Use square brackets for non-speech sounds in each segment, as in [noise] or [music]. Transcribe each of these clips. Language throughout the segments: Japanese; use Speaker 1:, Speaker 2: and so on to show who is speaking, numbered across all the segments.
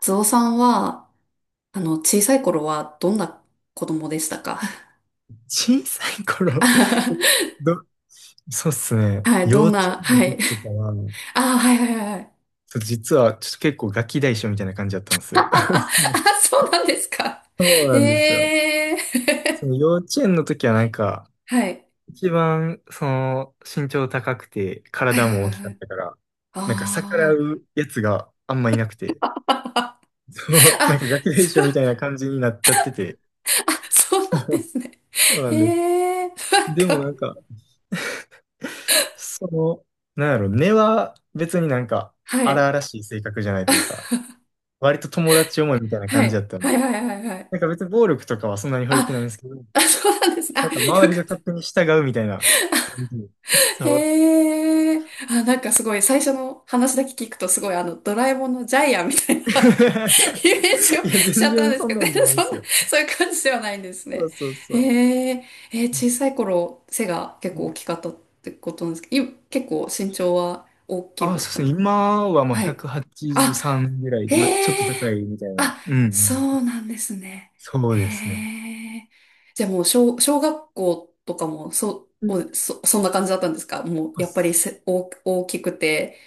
Speaker 1: つおさんは、小さい頃はどんな子供でしたか？ [laughs]
Speaker 2: 小さい頃ど、そうっすね。
Speaker 1: はい、
Speaker 2: 幼
Speaker 1: どん
Speaker 2: 稚
Speaker 1: な、
Speaker 2: 園の
Speaker 1: は
Speaker 2: 時
Speaker 1: い。
Speaker 2: とかは、ち
Speaker 1: ああ、はいはいはい。
Speaker 2: ょっと実はちょっと結構ガキ大将みたいな感じだったんですよ。
Speaker 1: あ、
Speaker 2: [laughs]
Speaker 1: そうなんですか。
Speaker 2: そうなんですよ。
Speaker 1: ええ
Speaker 2: そ
Speaker 1: ー。
Speaker 2: の幼稚園の時は
Speaker 1: [laughs] はい。
Speaker 2: 一番その身長高くて
Speaker 1: はい
Speaker 2: 体
Speaker 1: はい
Speaker 2: も
Speaker 1: は
Speaker 2: 大
Speaker 1: い
Speaker 2: きか
Speaker 1: は
Speaker 2: っ
Speaker 1: い。
Speaker 2: たから、なんか逆ら
Speaker 1: ああ。
Speaker 2: うやつがあんまいなくて、[laughs] そう、なん
Speaker 1: あ、
Speaker 2: かガキ大
Speaker 1: そ
Speaker 2: 将
Speaker 1: う、
Speaker 2: みたいな感じになっちゃってて、
Speaker 1: あ、そうなんで
Speaker 2: [laughs]
Speaker 1: すね。
Speaker 2: そうなんです。
Speaker 1: ええー。なん
Speaker 2: でも
Speaker 1: か、
Speaker 2: なんか、その、なんやろ、根は別になんか
Speaker 1: は
Speaker 2: 荒
Speaker 1: い。
Speaker 2: 々しい性格じゃないというか、
Speaker 1: [laughs]
Speaker 2: 割と友達思いみたいな
Speaker 1: は
Speaker 2: 感じだ
Speaker 1: い。
Speaker 2: ったん
Speaker 1: は
Speaker 2: で、
Speaker 1: いはいはいはい。
Speaker 2: なんか別に暴力とかはそんなに触れてないんで
Speaker 1: あ、
Speaker 2: すけど、
Speaker 1: あ、そうなんですね。あ、
Speaker 2: なんか周
Speaker 1: よ
Speaker 2: り
Speaker 1: かっ
Speaker 2: が
Speaker 1: た。
Speaker 2: 勝手に従うみたいな雰囲気で。そう。
Speaker 1: へえ。あ、なんかすごい、最初の話だけ聞くとすごい、ドラえもんのジャイアンみたいな
Speaker 2: [laughs]
Speaker 1: [laughs] イメージを
Speaker 2: いや、
Speaker 1: しち
Speaker 2: 全
Speaker 1: ゃったん
Speaker 2: 然
Speaker 1: です
Speaker 2: そ
Speaker 1: け
Speaker 2: ん
Speaker 1: ど、
Speaker 2: な
Speaker 1: 全
Speaker 2: んじゃ
Speaker 1: 然
Speaker 2: ないんで
Speaker 1: そん
Speaker 2: す
Speaker 1: な、
Speaker 2: よ。
Speaker 1: そういう感じではないんです
Speaker 2: そ
Speaker 1: ね。
Speaker 2: うそうそう。
Speaker 1: へえ。えー小さい頃、背が結
Speaker 2: う
Speaker 1: 構大
Speaker 2: ん、
Speaker 1: きかったってことなんですけど、い結構身長は大きい
Speaker 2: あ、
Speaker 1: 方な
Speaker 2: そ
Speaker 1: ん
Speaker 2: う
Speaker 1: で
Speaker 2: です
Speaker 1: す。
Speaker 2: ね。今はまあ
Speaker 1: はい。
Speaker 2: 183ぐらい
Speaker 1: へ
Speaker 2: で、まあちょっと
Speaker 1: え。
Speaker 2: 高いみたいな。
Speaker 1: あ、
Speaker 2: うんう
Speaker 1: そ
Speaker 2: ん。
Speaker 1: うなんですね。
Speaker 2: そう
Speaker 1: へ
Speaker 2: ですね。
Speaker 1: え。じゃあもう小、小学校とかも、そ
Speaker 2: う
Speaker 1: う、
Speaker 2: ん。
Speaker 1: おそ、そんな感じだったんですか？もう、
Speaker 2: あ
Speaker 1: やっぱり
Speaker 2: す
Speaker 1: せ、大、大きくて。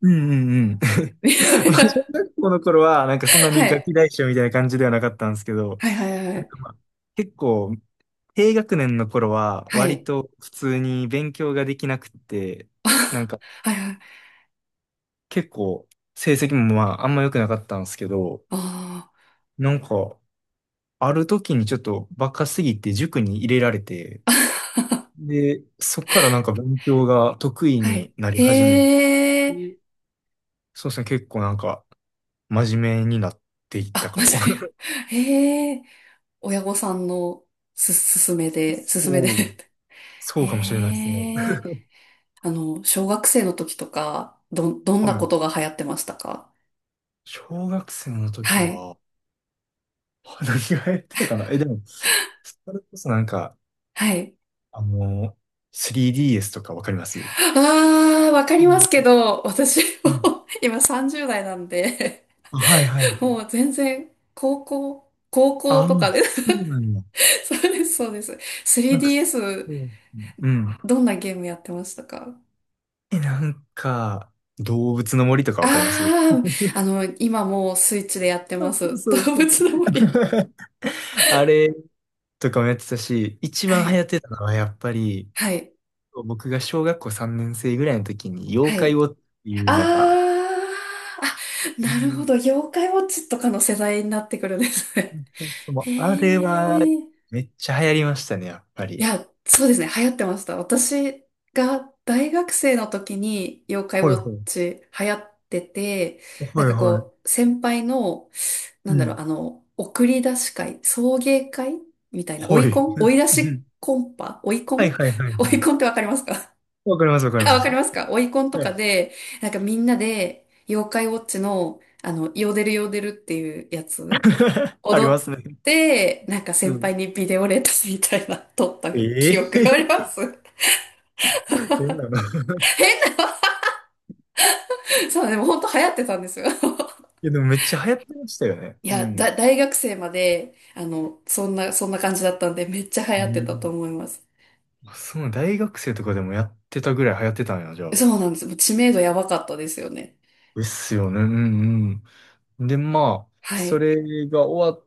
Speaker 2: うんうんうん。[laughs] まあ小
Speaker 1: [laughs]
Speaker 2: 学校の頃は、なんかそんな
Speaker 1: は
Speaker 2: にガキ
Speaker 1: い。
Speaker 2: 大将みたいな感じではなかったんですけど、
Speaker 1: はいはいは
Speaker 2: なんか
Speaker 1: い。
Speaker 2: まあ、結構、低学年の頃は、
Speaker 1: は
Speaker 2: 割
Speaker 1: い。
Speaker 2: と普通に勉強ができなくって、
Speaker 1: あ
Speaker 2: なんか
Speaker 1: はいはい。
Speaker 2: 結構、成績もまあ、あんま良くなかったんですけど、
Speaker 1: あ
Speaker 2: なんか、ある時にちょっとバカすぎて塾に入れられて、で、そっからなんか勉強が得意
Speaker 1: あ、はい。
Speaker 2: になり始め
Speaker 1: へ
Speaker 2: て、
Speaker 1: え。
Speaker 2: そうですね、結構なんか、真面目になっていった
Speaker 1: あ、
Speaker 2: か
Speaker 1: 間
Speaker 2: も。
Speaker 1: 違えた。へえ。親御さんのす、すすめ
Speaker 2: [laughs]
Speaker 1: で、すすめで。
Speaker 2: そう、
Speaker 1: [laughs]
Speaker 2: そ
Speaker 1: へ
Speaker 2: うかもしれないですね。
Speaker 1: え。小学生の時とか、ど、どん
Speaker 2: は
Speaker 1: なこ
Speaker 2: い。
Speaker 1: とが流行ってましたか？
Speaker 2: 小学生の時
Speaker 1: はい。
Speaker 2: は、[laughs] 何がやってたかなでも、それこそなんか、
Speaker 1: はい。
Speaker 2: あの、3DS とかわかります？
Speaker 1: ああ、わか
Speaker 2: う
Speaker 1: ります
Speaker 2: ん
Speaker 1: けど、私
Speaker 2: うん、
Speaker 1: も [laughs] 今30代なんで、
Speaker 2: あ、はいはい。
Speaker 1: [laughs] もう全然、高校、高校
Speaker 2: ああ、
Speaker 1: とかで
Speaker 2: そうなん
Speaker 1: [laughs]
Speaker 2: だ。
Speaker 1: そうです、そうです。
Speaker 2: なんか、そ
Speaker 1: 3DS、
Speaker 2: う。うん。
Speaker 1: どんなゲームやってましたか？
Speaker 2: え、なんか、動物の森とかわかります？
Speaker 1: ああー、
Speaker 2: [laughs]
Speaker 1: 今もうスイッチでやって
Speaker 2: そ
Speaker 1: ま
Speaker 2: うそう
Speaker 1: す。
Speaker 2: そう
Speaker 1: 動
Speaker 2: そう。
Speaker 1: 物の森。
Speaker 2: [laughs] あれとかもやってたし、一
Speaker 1: は
Speaker 2: 番流
Speaker 1: い。
Speaker 2: 行ってたのはやっぱり、
Speaker 1: はい。
Speaker 2: 僕が小学校3年生ぐらいの時に
Speaker 1: は
Speaker 2: 妖怪
Speaker 1: い。
Speaker 2: ウォッチっていうのが、
Speaker 1: あーあ、なるほど。妖怪ウォッチとかの世代になってくるんですね。
Speaker 2: そうそう、
Speaker 1: [laughs]
Speaker 2: も
Speaker 1: へ
Speaker 2: うあれは、
Speaker 1: え。い
Speaker 2: めっちゃ流行りましたね、やっぱり。
Speaker 1: や、そうですね。流行ってました。私が大学生の時に妖怪ウ
Speaker 2: ほ
Speaker 1: ォ
Speaker 2: い
Speaker 1: ッ
Speaker 2: ほい。
Speaker 1: チ流行ってて、なん
Speaker 2: ほい
Speaker 1: か
Speaker 2: ほい。
Speaker 1: こう、先輩の、な
Speaker 2: う
Speaker 1: んだろう、
Speaker 2: ん。
Speaker 1: 送り出し会、送迎会みたいな、追
Speaker 2: ほ
Speaker 1: い
Speaker 2: い。
Speaker 1: コン
Speaker 2: う
Speaker 1: 追
Speaker 2: ん
Speaker 1: い出
Speaker 2: うん、
Speaker 1: しコンパ追いコ
Speaker 2: はい
Speaker 1: ン
Speaker 2: はいはいはい。
Speaker 1: [laughs] 追いコンってわかりますか？
Speaker 2: わかります、わか
Speaker 1: [laughs]
Speaker 2: り
Speaker 1: あ、
Speaker 2: ま
Speaker 1: わか
Speaker 2: す。
Speaker 1: りますか？オイコンと
Speaker 2: は
Speaker 1: か
Speaker 2: い。
Speaker 1: で、なんかみんなで、妖怪ウォッチの、ヨーデルヨーデルっていうやつ、
Speaker 2: [laughs] あり
Speaker 1: 踊
Speaker 2: ま
Speaker 1: っ
Speaker 2: すね。
Speaker 1: て、なんか
Speaker 2: う
Speaker 1: 先
Speaker 2: ん。
Speaker 1: 輩にビデオレタスみたいな、撮った
Speaker 2: え
Speaker 1: 記憶があり
Speaker 2: え、
Speaker 1: ます。[laughs]
Speaker 2: 変なの。[laughs]
Speaker 1: そう、でも本当流行ってたんですよ。[laughs]
Speaker 2: いや、でもめっちゃ流行ってましたよね。
Speaker 1: い
Speaker 2: う
Speaker 1: や、だ、
Speaker 2: ん。
Speaker 1: 大学生まで、そんな、そんな感じだったんで、めっちゃ流
Speaker 2: う
Speaker 1: 行ってたと
Speaker 2: ん。
Speaker 1: 思います。
Speaker 2: あそう、大学生とかでもやってたぐらい流行ってたんや、じゃあ。
Speaker 1: そうなんです。もう知名度やばかったですよね。
Speaker 2: ですよね。うんうん。で、まあ、
Speaker 1: は
Speaker 2: そ
Speaker 1: い。
Speaker 2: れが終わっ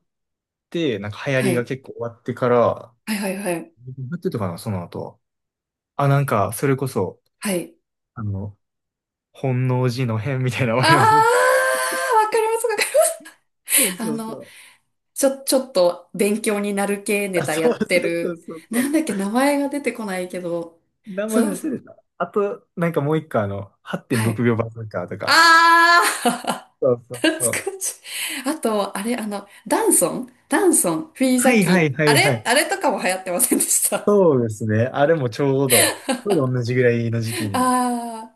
Speaker 2: て、なんか流行
Speaker 1: は
Speaker 2: りが
Speaker 1: い。
Speaker 2: 結構終わってから、
Speaker 1: はいはいはい。
Speaker 2: なってたかな、その後。あ、なんか、それこそ、
Speaker 1: はい。
Speaker 2: あの、本能寺の変みたいな、わ
Speaker 1: あ
Speaker 2: かります？
Speaker 1: ー、わかります、わかり
Speaker 2: そう
Speaker 1: ます。あ
Speaker 2: そうそ
Speaker 1: の、
Speaker 2: う。
Speaker 1: ちょ、ちょっと勉強になる系ネ
Speaker 2: あ、
Speaker 1: タや
Speaker 2: そう
Speaker 1: って
Speaker 2: そうそう
Speaker 1: る。
Speaker 2: そうそ
Speaker 1: な
Speaker 2: う。
Speaker 1: んだっけ、名前が出てこないけど。
Speaker 2: 名
Speaker 1: そ
Speaker 2: 前
Speaker 1: うなんで
Speaker 2: 忘
Speaker 1: す。
Speaker 2: れた。あと、なんかもう一個、あの、
Speaker 1: は
Speaker 2: 8.6
Speaker 1: い。
Speaker 2: 秒バズーカーとか。
Speaker 1: あ
Speaker 2: そうそ
Speaker 1: ー [laughs]
Speaker 2: う
Speaker 1: 懐
Speaker 2: そう。
Speaker 1: かしい。あと、あれ、ダンソンダンソン、フィー
Speaker 2: は
Speaker 1: ザ
Speaker 2: いはい
Speaker 1: キ。
Speaker 2: は
Speaker 1: あ
Speaker 2: いは
Speaker 1: れ
Speaker 2: い。
Speaker 1: あれとかも流行ってませんでした。
Speaker 2: そうですね。あれもちょうど、同じぐらいの時期に。
Speaker 1: あ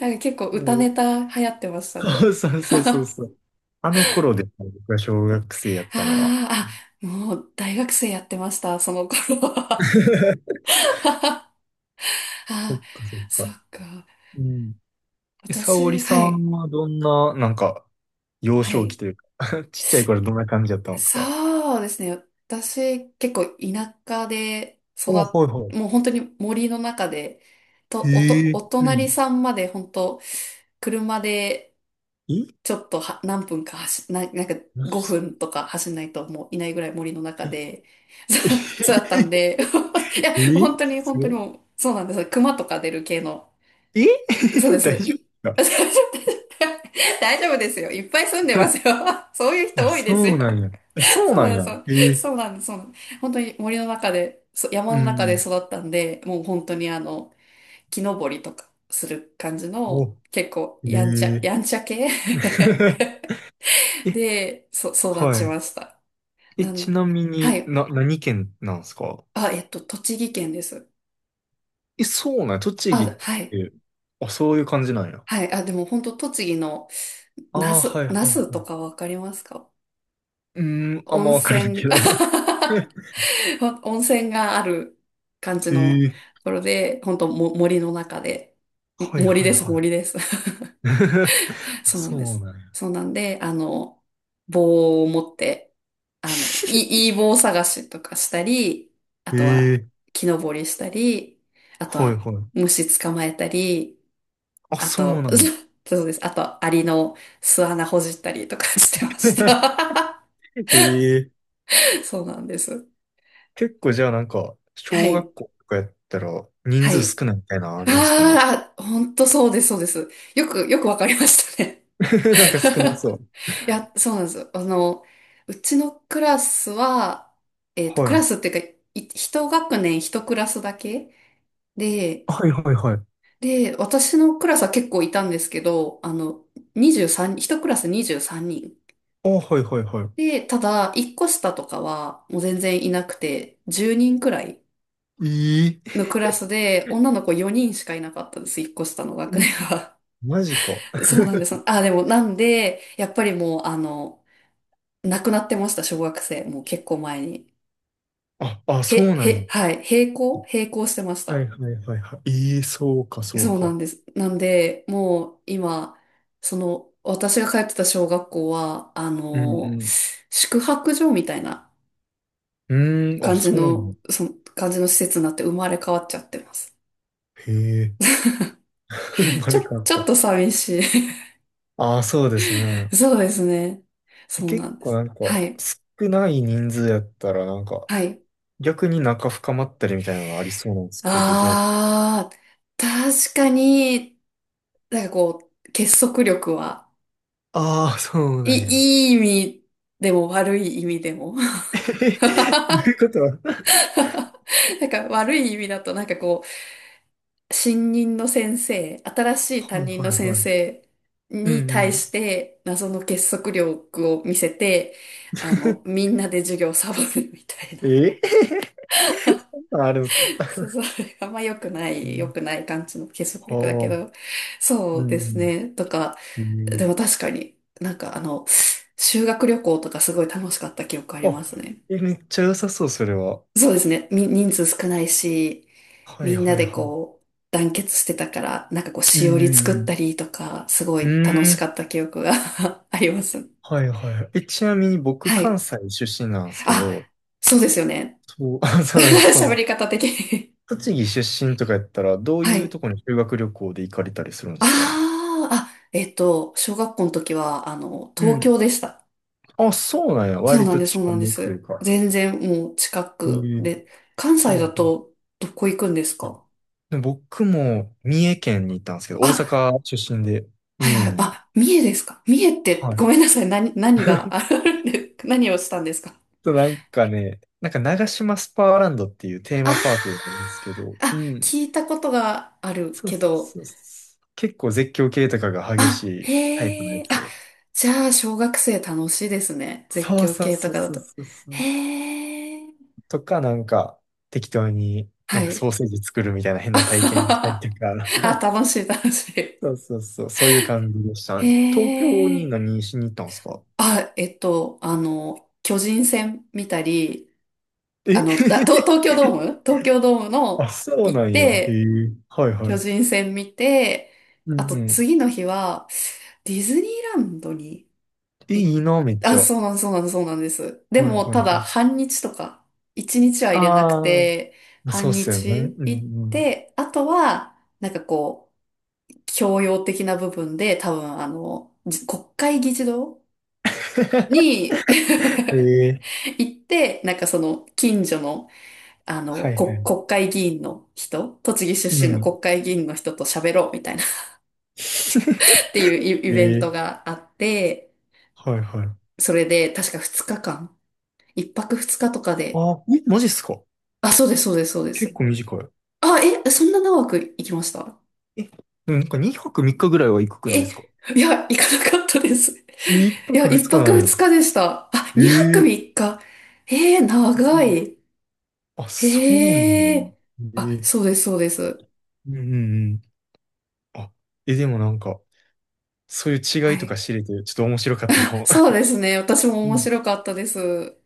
Speaker 1: ー、なんか結構
Speaker 2: も
Speaker 1: 歌
Speaker 2: う
Speaker 1: ネタ流行ってましたね。
Speaker 2: そうそうそうそうそう。あの頃で、僕が小学生やったのは。[laughs]
Speaker 1: あー、あ、もう大学生やってました、その頃は。[laughs]
Speaker 2: そっ
Speaker 1: あー、
Speaker 2: かそっ
Speaker 1: そっ
Speaker 2: か。
Speaker 1: か。
Speaker 2: うん。え、沙織
Speaker 1: 私、
Speaker 2: さ
Speaker 1: はい、
Speaker 2: んはどんな、なんか、幼
Speaker 1: は
Speaker 2: 少期
Speaker 1: い。
Speaker 2: というか [laughs] ちっちゃい頃どんな感じだったんですか？
Speaker 1: そうですね。私、結構田舎で育
Speaker 2: お、はい
Speaker 1: っ、
Speaker 2: は
Speaker 1: もう本当に森の中で、
Speaker 2: い。
Speaker 1: と、おと、
Speaker 2: へえ、
Speaker 1: お
Speaker 2: うん。
Speaker 1: 隣さんまで本当、車で
Speaker 2: え、
Speaker 1: ちょっとは何分か走、な、なんか
Speaker 2: マジです
Speaker 1: 5
Speaker 2: か？
Speaker 1: 分とか走んないともういないぐらい森の中
Speaker 2: え
Speaker 1: で、[laughs] そうだっ
Speaker 2: [laughs]
Speaker 1: たんで、[laughs] いや、
Speaker 2: え、
Speaker 1: 本当に
Speaker 2: す
Speaker 1: 本当に
Speaker 2: ご
Speaker 1: もう、そうなんです。熊とか出る系の。
Speaker 2: い。え
Speaker 1: そう
Speaker 2: [laughs]
Speaker 1: で
Speaker 2: 大
Speaker 1: す。
Speaker 2: 丈夫で
Speaker 1: い [laughs] 大丈夫ですよ。いっぱい住んで
Speaker 2: す
Speaker 1: ま
Speaker 2: か？
Speaker 1: すよ。[laughs] そういう
Speaker 2: [laughs]
Speaker 1: 人
Speaker 2: あ、
Speaker 1: 多いです
Speaker 2: そ
Speaker 1: よ。
Speaker 2: うなんや。あ、
Speaker 1: [laughs]
Speaker 2: そう
Speaker 1: そ
Speaker 2: な
Speaker 1: うな
Speaker 2: ん
Speaker 1: んです
Speaker 2: や。
Speaker 1: よ。
Speaker 2: ええ、
Speaker 1: そうなんです。そうなんです。本当に森の中で、そ山
Speaker 2: う
Speaker 1: の中で
Speaker 2: ん。
Speaker 1: 育ったんで、もう本当に木登りとかする感じの、
Speaker 2: ほ、
Speaker 1: 結構
Speaker 2: え
Speaker 1: やんちゃ、
Speaker 2: え
Speaker 1: やんちゃ系 [laughs]
Speaker 2: [laughs] え、
Speaker 1: で、そ、育
Speaker 2: は
Speaker 1: ち
Speaker 2: い。
Speaker 1: ました。
Speaker 2: え、
Speaker 1: な
Speaker 2: ち
Speaker 1: ん、
Speaker 2: なみ
Speaker 1: は
Speaker 2: に、
Speaker 1: い。
Speaker 2: な、何県なんですか？
Speaker 1: あ、えっと、栃木県です。
Speaker 2: え、そうなんや。栃木
Speaker 1: あ、
Speaker 2: っ
Speaker 1: はい。
Speaker 2: て、あ、そういう感じなんや。
Speaker 1: はい。あ、でも本当栃木の、那
Speaker 2: ああ、は
Speaker 1: 須、
Speaker 2: いは
Speaker 1: 那
Speaker 2: い
Speaker 1: 須
Speaker 2: は
Speaker 1: と
Speaker 2: い。
Speaker 1: かわかりますか？
Speaker 2: うーん、あん
Speaker 1: 温
Speaker 2: まわからない
Speaker 1: 泉。[laughs]
Speaker 2: けど。[laughs]
Speaker 1: [laughs] 温泉がある感じのと
Speaker 2: ええ、
Speaker 1: ころで、本当も森の中で、も
Speaker 2: はい
Speaker 1: 森
Speaker 2: はい
Speaker 1: です、
Speaker 2: はい。
Speaker 1: 森です。[laughs]
Speaker 2: [laughs]
Speaker 1: そうなん
Speaker 2: そ
Speaker 1: で
Speaker 2: う
Speaker 1: す。
Speaker 2: なんや。
Speaker 1: そうなんで、棒を持って、いい、いい棒探しとかしたり、あとは
Speaker 2: ええ、
Speaker 1: 木登りしたり、あと
Speaker 2: はい
Speaker 1: は
Speaker 2: はい。
Speaker 1: 虫捕まえたり、
Speaker 2: あ、
Speaker 1: あ
Speaker 2: そう
Speaker 1: と、
Speaker 2: なんや。
Speaker 1: [laughs] そうです。あと、アリの巣穴ほじったりとかしてまし
Speaker 2: [laughs]
Speaker 1: た。
Speaker 2: ええ、
Speaker 1: [laughs] そうなんです。
Speaker 2: 結構じゃあなんか、
Speaker 1: は
Speaker 2: 小
Speaker 1: い。
Speaker 2: 学校とかやったら人
Speaker 1: は
Speaker 2: 数
Speaker 1: い。
Speaker 2: 少ないみたいなのあるんすかね。
Speaker 1: ああ、本当そうです、そうです。よく、よくわかりましたね。
Speaker 2: [laughs] なんか少なそう。
Speaker 1: [laughs] いや、そうなんですよ。うちのクラスは、えっと、
Speaker 2: は
Speaker 1: クラ
Speaker 2: い。
Speaker 1: スっていうか、い一学年一クラスだけで、
Speaker 2: はいはいはい。
Speaker 1: で、私のクラスは結構いたんですけど、23、一クラス23人。
Speaker 2: あ、はいはいは
Speaker 1: で、ただ、一個下とかは、もう全然いなくて、10人くらい
Speaker 2: い。え、
Speaker 1: のクラスで、女の子4人しかいなかったんです、一個下の学
Speaker 2: え
Speaker 1: 年
Speaker 2: え、
Speaker 1: は。
Speaker 2: マジか。
Speaker 1: そうなんです。あ、でも、なんで、やっぱりもう、亡くなってました、小学生。もう結構前に。
Speaker 2: あ、あ、
Speaker 1: へ、
Speaker 2: そうなんや。
Speaker 1: へ、はい、閉校閉校してまし
Speaker 2: はい
Speaker 1: た。
Speaker 2: はいはいはい。ええ、そうかそう
Speaker 1: そう
Speaker 2: か。
Speaker 1: なんです。なんで、もう、今、その、私が通ってた小学校は、
Speaker 2: うんうん。
Speaker 1: 宿泊所みたいな
Speaker 2: うーん、あ、
Speaker 1: 感じ
Speaker 2: そうなん
Speaker 1: の、
Speaker 2: や。
Speaker 1: その、感じの施設になって生まれ変わっちゃってます。
Speaker 2: へえ、[laughs]
Speaker 1: ちょ、
Speaker 2: れかっ
Speaker 1: ちょっ
Speaker 2: た。
Speaker 1: と寂しい。
Speaker 2: ああ、そうですね。
Speaker 1: [laughs] そうですね。
Speaker 2: え、
Speaker 1: そうな
Speaker 2: 結
Speaker 1: んで
Speaker 2: 構
Speaker 1: す。
Speaker 2: なんか、
Speaker 1: はい。
Speaker 2: 少ない人数やったらなんか、
Speaker 1: はい。
Speaker 2: 逆に仲深まったりみたいなのありそうなんですけど、どう？
Speaker 1: ああ、確かに、なんかこう、結束力は、
Speaker 2: ああ、そう
Speaker 1: い、
Speaker 2: なんや。
Speaker 1: いい意味でも悪い意味でも。
Speaker 2: [laughs] へ、ど
Speaker 1: [laughs]
Speaker 2: ういうこと？は
Speaker 1: なんか悪い意味だと、なんかこう、新任の先生、新しい担
Speaker 2: い
Speaker 1: 任の
Speaker 2: はい
Speaker 1: 先
Speaker 2: はい。
Speaker 1: 生
Speaker 2: うんう
Speaker 1: に対
Speaker 2: ん。
Speaker 1: して、謎の結束力を見せて、み
Speaker 2: [laughs]
Speaker 1: んなで授業をサボるみたいな。
Speaker 2: え [laughs] そんなんあるんですか？
Speaker 1: [laughs] そう、そうあんま良くな
Speaker 2: う
Speaker 1: い、良
Speaker 2: ん、
Speaker 1: くない感じの結束力だけ
Speaker 2: はあ、
Speaker 1: ど、そ
Speaker 2: う
Speaker 1: うで
Speaker 2: んう
Speaker 1: す
Speaker 2: ん。
Speaker 1: ね。とか、
Speaker 2: う
Speaker 1: でも
Speaker 2: ん、
Speaker 1: 確かに、なんか修学旅行とかすごい楽しかった記憶あります
Speaker 2: あ、
Speaker 1: ね。
Speaker 2: え、めっちゃ良さそう、それは。
Speaker 1: そうですね。み、人数少ないし、
Speaker 2: はい
Speaker 1: みんな
Speaker 2: はい
Speaker 1: で
Speaker 2: は
Speaker 1: こう、団結してたから、なんかこう、
Speaker 2: い。
Speaker 1: し
Speaker 2: う
Speaker 1: お
Speaker 2: ん
Speaker 1: り
Speaker 2: うんう
Speaker 1: 作った
Speaker 2: ん。
Speaker 1: りとか、すご
Speaker 2: う
Speaker 1: い楽しかっ
Speaker 2: ん、
Speaker 1: た記憶が [laughs] あります。
Speaker 2: はいはい、え、ちなみに僕、
Speaker 1: は
Speaker 2: 関
Speaker 1: い。
Speaker 2: 西出身なんですけ
Speaker 1: あ、
Speaker 2: ど、
Speaker 1: そうですよね。
Speaker 2: そう、あ
Speaker 1: [laughs]
Speaker 2: そうなんです。そ
Speaker 1: 喋
Speaker 2: の、
Speaker 1: り方的に
Speaker 2: 栃木出身とかやったら、どう
Speaker 1: は
Speaker 2: いう
Speaker 1: い。
Speaker 2: とこに修学旅行で行かれたりするんで
Speaker 1: あ
Speaker 2: すか？
Speaker 1: あ、あ、えっと、小学校の時は、
Speaker 2: う
Speaker 1: 東
Speaker 2: ん。
Speaker 1: 京でした。
Speaker 2: あ、そうなんや。
Speaker 1: そう
Speaker 2: 割
Speaker 1: なん
Speaker 2: と
Speaker 1: です、そう
Speaker 2: 近
Speaker 1: なんで
Speaker 2: めという
Speaker 1: す。
Speaker 2: か。
Speaker 1: 全然もう近
Speaker 2: え
Speaker 1: く
Speaker 2: ー、
Speaker 1: で、関
Speaker 2: は
Speaker 1: 西
Speaker 2: い
Speaker 1: だ
Speaker 2: はい。
Speaker 1: とどこ行くんです
Speaker 2: あ、
Speaker 1: か？
Speaker 2: で僕も三重県に行ったんですけど、大
Speaker 1: あ、
Speaker 2: 阪出身で
Speaker 1: はい
Speaker 2: 三重
Speaker 1: はい、
Speaker 2: に。
Speaker 1: あ、三重ですか？三重って、
Speaker 2: はい。
Speaker 1: ごめんなさい、何、何が [laughs] あ
Speaker 2: [laughs]
Speaker 1: るんで、何をしたんですか？
Speaker 2: と、なんかね、なんか長島スパーランドっていうテー
Speaker 1: あ
Speaker 2: マ
Speaker 1: ー
Speaker 2: パークがあるんですけど、
Speaker 1: あ、
Speaker 2: うん。
Speaker 1: 聞いたことがある
Speaker 2: そう
Speaker 1: け
Speaker 2: そう
Speaker 1: ど、
Speaker 2: そうそう。結構絶叫系とかが激し
Speaker 1: あ、
Speaker 2: いタイプの
Speaker 1: へ
Speaker 2: や
Speaker 1: え、
Speaker 2: つ
Speaker 1: あ、
Speaker 2: で。
Speaker 1: じゃあ小学生楽しいですね。絶
Speaker 2: そう
Speaker 1: 叫
Speaker 2: そう
Speaker 1: 系と
Speaker 2: そう
Speaker 1: かだ
Speaker 2: そう
Speaker 1: と。
Speaker 2: そうそ
Speaker 1: へ
Speaker 2: う。
Speaker 1: え、
Speaker 2: とか、なんか、適当にな
Speaker 1: は
Speaker 2: んか
Speaker 1: い。
Speaker 2: ソーセージ作るみたいな変な体験し
Speaker 1: [laughs] あ
Speaker 2: たりとか。
Speaker 1: あ、
Speaker 2: [laughs]
Speaker 1: 楽しい、楽しい。
Speaker 2: そうそうそう。そういう感じでした
Speaker 1: へ
Speaker 2: ね。東京に
Speaker 1: え。
Speaker 2: 何しに行ったんですか？
Speaker 1: あ、えっと、巨人戦見たり、
Speaker 2: え [laughs]
Speaker 1: だ、東東京ドーム東京ドーム
Speaker 2: あ、
Speaker 1: の
Speaker 2: そう
Speaker 1: 行っ
Speaker 2: なんや。へ
Speaker 1: て、
Speaker 2: え。はいは
Speaker 1: 巨
Speaker 2: い。
Speaker 1: 人戦見て、
Speaker 2: う
Speaker 1: あ
Speaker 2: ん
Speaker 1: と
Speaker 2: うん。
Speaker 1: 次の日は、ディズニーランドに
Speaker 2: え、
Speaker 1: 行っ、
Speaker 2: いいな、めっち
Speaker 1: あ、
Speaker 2: ゃ。は
Speaker 1: そうなん、そうなん、そうなんです。
Speaker 2: い
Speaker 1: で
Speaker 2: はい
Speaker 1: も、ただ、
Speaker 2: はい。
Speaker 1: 半日とか、一日は入れなく
Speaker 2: あ
Speaker 1: て、
Speaker 2: あ。そう
Speaker 1: 半
Speaker 2: っすよね。
Speaker 1: 日
Speaker 2: うん
Speaker 1: 行っ
Speaker 2: うん。
Speaker 1: て、あとは、なんかこう、教養的な部分で、多分、じ国会議事堂
Speaker 2: [laughs]
Speaker 1: に、
Speaker 2: へ
Speaker 1: [laughs]
Speaker 2: え。
Speaker 1: 行って、なんかその近所の、あの、
Speaker 2: はいは
Speaker 1: こ、
Speaker 2: い。
Speaker 1: 国会議員の人、栃木
Speaker 2: う
Speaker 1: 出身の
Speaker 2: ん。
Speaker 1: 国会議員の人と喋ろうみたいな [laughs] っていう
Speaker 2: [laughs]
Speaker 1: イイベント
Speaker 2: ええ、
Speaker 1: があって、
Speaker 2: はいはい。
Speaker 1: それで確か2日間、1泊2日とかで、
Speaker 2: あ、え、マジっすか？
Speaker 1: あ、そうです、そうです、そうで
Speaker 2: 結
Speaker 1: す。
Speaker 2: 構短い。
Speaker 1: あ、え、そんな長く行きました？
Speaker 2: え、でもなんか2泊3日ぐらいは行くくないで
Speaker 1: え、
Speaker 2: すか？
Speaker 1: いや、行かなかったです。
Speaker 2: え、一
Speaker 1: いや、
Speaker 2: 泊二
Speaker 1: 1
Speaker 2: 日
Speaker 1: 泊
Speaker 2: なの
Speaker 1: 2
Speaker 2: よ。
Speaker 1: 日でした。あ、2泊
Speaker 2: ええ、
Speaker 1: 3日。えー、
Speaker 2: う
Speaker 1: 長
Speaker 2: ん、
Speaker 1: い。
Speaker 2: あ、そうなんだ
Speaker 1: へ
Speaker 2: ね。
Speaker 1: え。
Speaker 2: え
Speaker 1: あ、そ
Speaker 2: え、
Speaker 1: うです、そうです。
Speaker 2: うんうんうん。あ、え、でもなんか、そういう違
Speaker 1: は
Speaker 2: いとか
Speaker 1: い。
Speaker 2: 知れて、ちょっと面白かったかも。
Speaker 1: そうですね。私も面白
Speaker 2: [laughs]
Speaker 1: かったです。